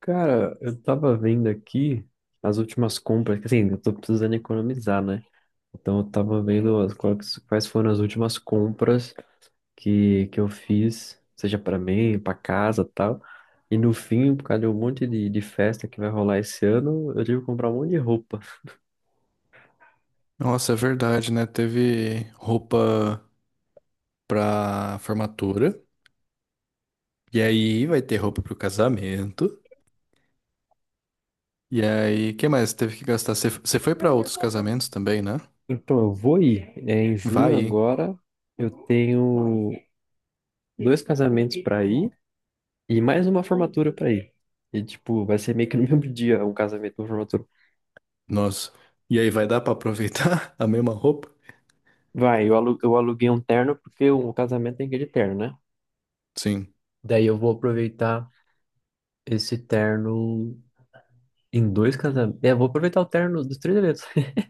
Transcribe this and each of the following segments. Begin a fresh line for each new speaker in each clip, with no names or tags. Cara, eu tava vendo aqui as últimas compras, que, assim, eu tô precisando economizar, né? Então eu tava vendo as- quais foram as últimas compras que eu fiz, seja pra mim, pra casa, tal. E no fim, por causa de um monte de festa que vai rolar esse ano, eu tive que comprar um monte de roupa.
Nossa, é verdade, né? Teve roupa pra formatura, e aí vai ter roupa pro casamento, e aí, que mais? Teve que gastar. Você foi pra outros casamentos também, né?
Então eu vou ir. É, em junho
Vai, hein?
agora, eu tenho dois casamentos pra ir e mais uma formatura pra ir. E, tipo, vai ser meio que no mesmo dia, um casamento, e uma formatura.
Nossa. E aí vai dar pra aproveitar a mesma roupa?
Vai, eu aluguei um terno porque o casamento tem que ir de terno, né?
Sim.
Daí eu vou aproveitar esse terno em dois casamentos. É, eu vou aproveitar o terno dos três eventos.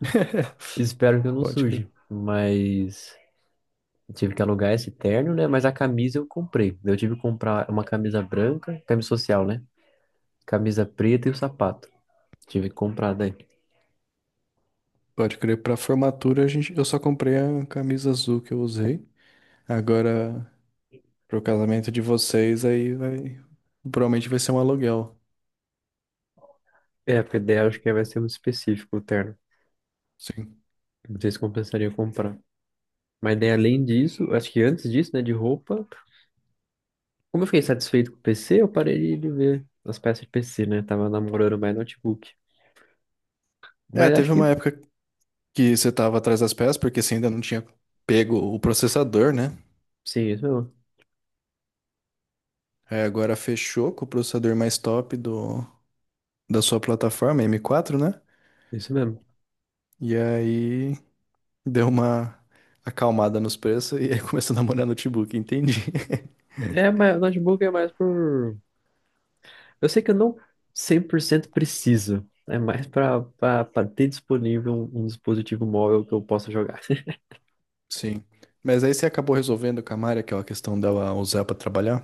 Espero que eu não
Pode crer.
suje. Mas tive que alugar esse terno, né? Mas a camisa eu comprei. Eu tive que comprar uma camisa branca, camisa social, né? Camisa preta e o sapato. Tive que comprar daí.
Pode crer. Pra formatura, eu só comprei a camisa azul que eu usei. Agora, pro casamento de vocês, aí vai. Provavelmente vai ser um aluguel.
É, porque daí eu acho que vai ser muito específico o terno.
Sim.
Não sei se compensaria comprar. Mas daí, além disso, acho que antes disso, né, de roupa. Como eu fiquei satisfeito com o PC, eu parei de ver as peças de PC, né? Tava namorando mais notebook.
É,
Mas acho
teve
que
uma época que você estava atrás das peças, porque você ainda não tinha pego o processador, né?
sim, isso mesmo.
Aí agora fechou com o processador mais top da sua plataforma, M4, né?
Isso mesmo.
E aí deu uma acalmada nos preços e aí começou a namorar notebook, entendi.
É, mas o notebook é mais por. Eu sei que eu não 100% preciso. É mais pra, pra ter disponível um, um dispositivo móvel que eu possa jogar.
Sim. Mas aí você acabou resolvendo com a Mari aquela questão dela usar pra trabalhar?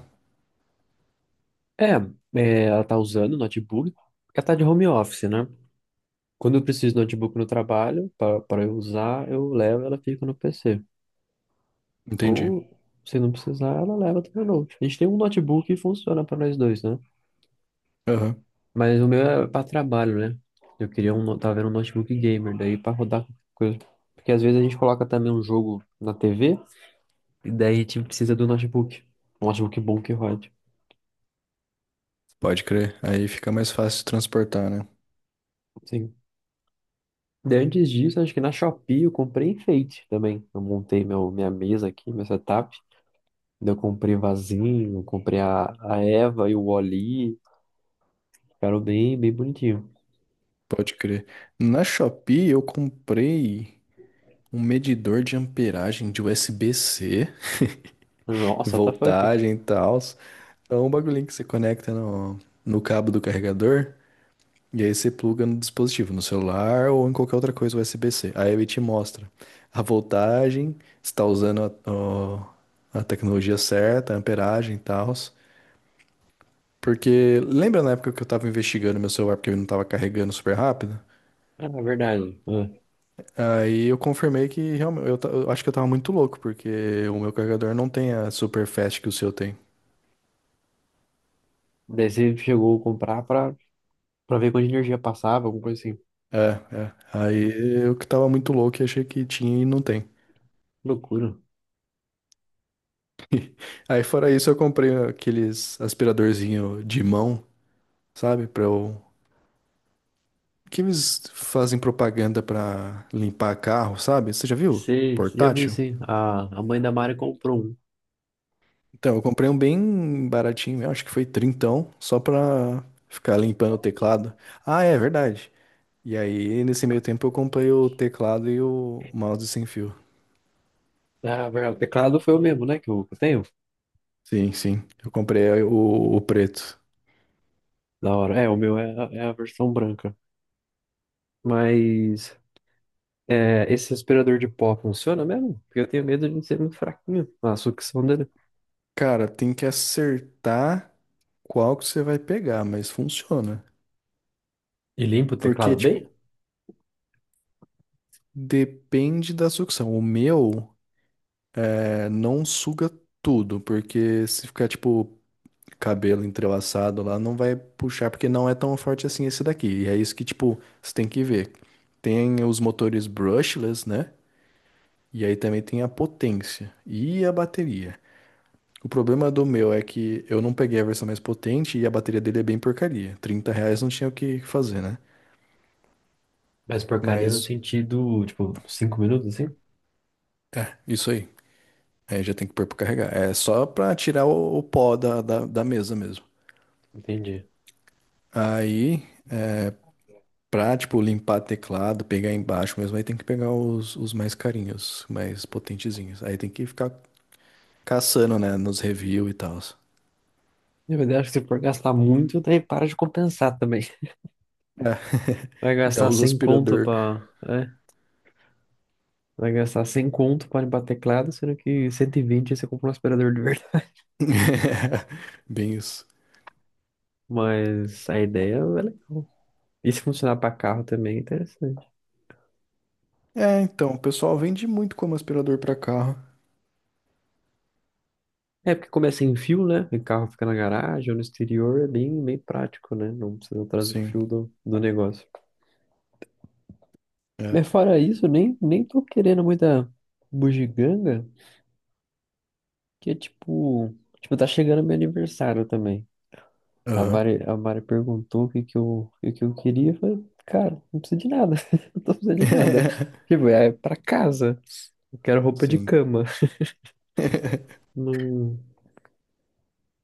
É, é, ela tá usando o notebook, porque ela tá de home office, né? Quando eu preciso de notebook no trabalho, para eu usar, eu levo e ela fica no PC.
Entendi.
Ou, se não precisar, ela leva também o note. A gente tem um notebook que funciona para nós dois, né?
Aham.
Mas o meu é para trabalho, né? Eu queria um, tava vendo um notebook gamer, daí para rodar qualquer coisa. Porque às vezes a gente coloca também um jogo na TV, e daí a gente precisa do notebook. Um notebook bom que rode.
Pode crer. Aí fica mais fácil de transportar, né?
Sim. Daí antes disso, acho que na Shopee eu comprei enfeite também. Eu montei minha mesa aqui, meu setup. Daí eu comprei vasinho, comprei a Eva e o Oli. Ficaram bem, bem bonitinho.
Pode crer. Na Shopee eu comprei um medidor de amperagem de USB-C,
Nossa, what the fuck?
voltagem e tal. É um bagulhinho que você conecta no cabo do carregador e aí você pluga no dispositivo, no celular ou em qualquer outra coisa USB-C. Aí ele te mostra a voltagem, se está usando a tecnologia certa, a amperagem e tal. Porque lembra na época que eu tava investigando meu celular porque ele não tava carregando super rápido?
É, na verdade. É.
Aí eu confirmei que realmente, eu acho que eu tava muito louco, porque o meu carregador não tem a super fast que o seu tem.
Daí você chegou a comprar pra ver quanta energia passava, alguma coisa assim.
É, é. Aí eu que tava muito louco e achei que tinha e não tem.
Loucura.
Aí fora isso eu comprei aqueles aspiradorzinho de mão, sabe? Que eles fazem propaganda pra limpar carro, sabe? Você já viu?
Você já viu
Portátil?
isso? A mãe da Mari comprou um.
Então, eu comprei um bem baratinho, eu acho que foi trintão, só pra ficar limpando o teclado. Ah, é verdade. E aí, nesse meio tempo, eu comprei o teclado e o mouse sem fio.
É, na verdade, o teclado foi o mesmo, né? Que eu tenho.
Sim, sim. Eu comprei o preto.
Da hora. É, o meu é, é a versão branca. Mas é, esse aspirador de pó funciona mesmo? Porque eu tenho medo de ser muito fraquinho. Ah, a sucção dele.
Cara, tem que acertar qual que você vai pegar, mas funciona.
E limpa o
Porque,
teclado
tipo,
bem?
depende da sucção. O meu é, não suga tudo, porque se ficar, tipo, cabelo entrelaçado lá, não vai puxar, porque não é tão forte assim esse daqui. E é isso que, tipo, você tem que ver. Tem os motores brushless, né? E aí também tem a potência e a bateria. O problema do meu é que eu não peguei a versão mais potente e a bateria dele é bem porcaria, 30 reais não tinha o que fazer, né?
Mas porcaria no
Mas
sentido, tipo, cinco minutos assim?
isso aí. Aí já tem que pôr pra carregar. É só pra tirar o pó da mesa mesmo.
Entendi.
Aí, pra, tipo, limpar teclado, pegar embaixo mesmo, aí tem que pegar os mais carinhos, mais potentezinhos. Aí tem que ficar caçando, né, nos reviews e tal.
Na verdade, acho que se for gastar muito, daí para de compensar também.
É.
Vai
Já
gastar
usa
100 conto
aspirador.
pra. É, vai gastar 100 conto para limpar teclado, sendo que 120 você compra um aspirador de verdade.
Bem isso.
Mas a ideia é legal. E se funcionar para carro também é interessante.
É, então, o pessoal vende muito como aspirador pra carro.
É porque começa em fio, né? O carro fica na garagem ou no exterior, é bem, bem prático, né? Não precisa trazer o
Sim,
fio do negócio.
é.
Mas fora isso, eu nem, nem tô querendo muita bugiganga, que é tipo, tá chegando meu aniversário também.
Aham.
A Mari perguntou o que que eu queria. Eu falei, cara, não precisa de nada. Não tô precisando de nada. Tipo, é pra casa. Eu quero roupa de
Sim.
cama. Não...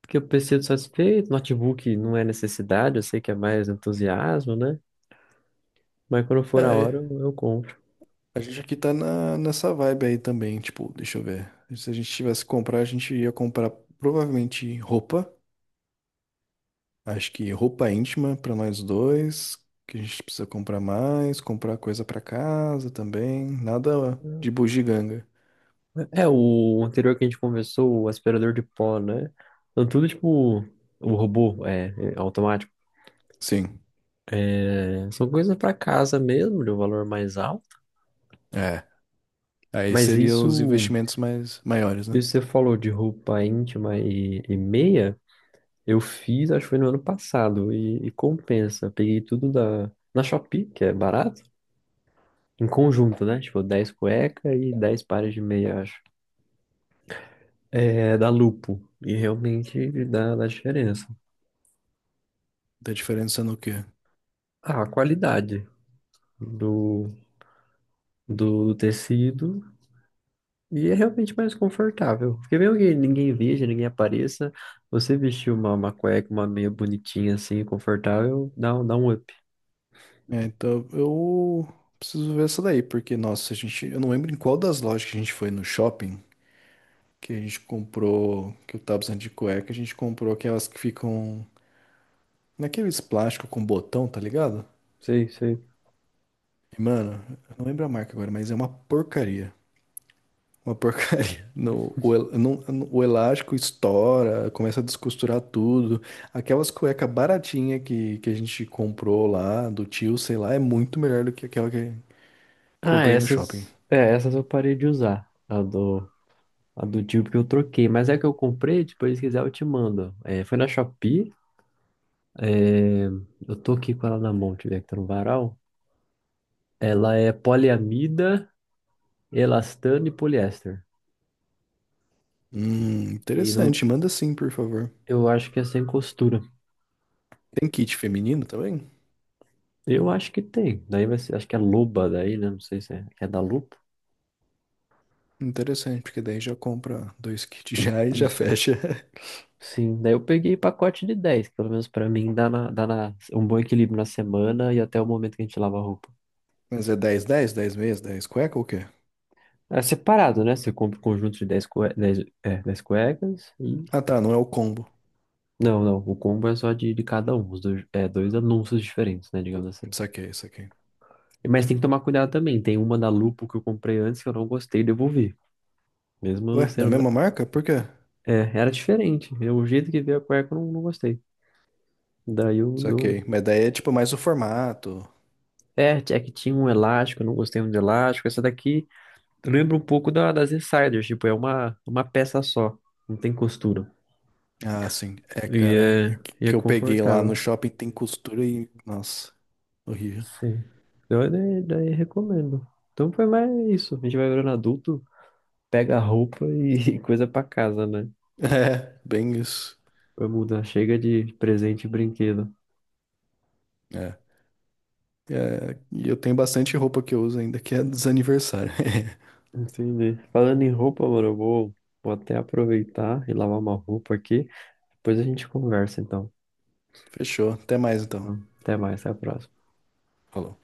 Porque eu pensei satisfeito. Notebook não é necessidade. Eu sei que é mais entusiasmo, né? Mas quando for a hora,
É,
eu compro.
a gente aqui tá nessa vibe aí também, tipo, deixa eu ver. Se a gente tivesse que comprar, a gente ia comprar provavelmente roupa. Acho que roupa íntima pra nós dois, que a gente precisa comprar mais, comprar coisa pra casa também, nada de bugiganga.
É, o anterior que a gente conversou, o aspirador de pó, né? Então, tudo tipo o robô, é automático.
Sim,
É, são coisas pra casa mesmo, de um valor mais alto.
é. Aí
Mas
seriam os
isso.
investimentos mais maiores, né?
E você falou de roupa íntima e meia, eu fiz, acho que foi no ano passado, e compensa. Peguei tudo na Shopee, que é barato, em conjunto, né? Tipo, 10 cueca e 10 pares de meia, acho. É da Lupo, e realmente dá diferença.
Da diferença no quê?
Ah, a qualidade do, do tecido, e é realmente mais confortável. Porque mesmo que ninguém veja, ninguém apareça, você vestir uma cueca, uma meia bonitinha assim, confortável, dá um up.
É, então eu preciso ver essa daí, porque, nossa, eu não lembro em qual das lojas que a gente foi no shopping que a gente comprou, que eu tava precisando de cueca, a gente comprou aquelas que ficam naqueles plásticos com botão, tá ligado?
Sei, sei.
E, mano, eu não lembro a marca agora, mas é uma porcaria. Uma porcaria. No, o, el- não- no- o elástico estoura, começa a descosturar tudo. Aquelas cueca baratinha que a gente comprou lá, do tio, sei lá, é muito melhor do que aquela que
Ah,
comprei no shopping.
essas, é, essas eu parei de usar. A do tipo que eu troquei. Mas é que eu comprei, depois se quiser eu te mando. É, foi na Shopee. É, eu tô aqui com ela na mão, tiver que tá no varal. Ela é poliamida, elastano e poliéster. E não,
Interessante. Manda sim, por favor.
eu acho que é sem costura.
Tem kit feminino também?
Eu acho que tem. Daí vai ser, acho que é Luba daí, né? Não sei se é da Lupa.
Interessante, porque daí já compra dois kits já e já fecha.
Sim, daí eu peguei pacote de dez, que pelo menos pra mim dá, dá na, um bom equilíbrio na semana e até o momento que a gente lava a roupa.
Mas é dez meias, dez cueca ou o quê?
É separado, né? Você compra o conjunto de 10 cue... 10 é, 10 cuecas e.
Ah, tá, não é o combo.
Não, não. O combo é só de cada um. Os dois, é, dois anúncios diferentes, né? Digamos assim.
Saquei, saquei.
Mas tem que tomar cuidado também. Tem uma da Lupo que eu comprei antes que eu não gostei e devolvi. Mesmo
Ué, da
sendo.
mesma marca? Por quê?
É, era diferente. Eu, o jeito que veio a cueca eu não gostei. Daí eu,
Saquei.
eu-
Mas daí é tipo mais o formato.
É, é que tinha um elástico, eu não gostei muito de elástico. Essa daqui lembra um pouco das Insiders. Tipo, é uma peça só. Não tem costura.
Ah, sim. É,
E
cara, é
é, e é
que eu peguei lá no
confortável.
shopping tem costura e. Nossa, horrível.
Sim. Eu daí recomendo. Então foi mais isso. A gente vai virando adulto, pega a roupa e coisa pra casa, né?
É, bem isso.
Vai mudar. Chega de presente e brinquedo.
É. É, e eu tenho bastante roupa que eu uso ainda que é dos aniversários.
Entendi. Falando em roupa, mano, vou até aproveitar e lavar uma roupa aqui. Depois a gente conversa, então.
Fechou. Até mais então.
Até mais, até a próxima.
Falou.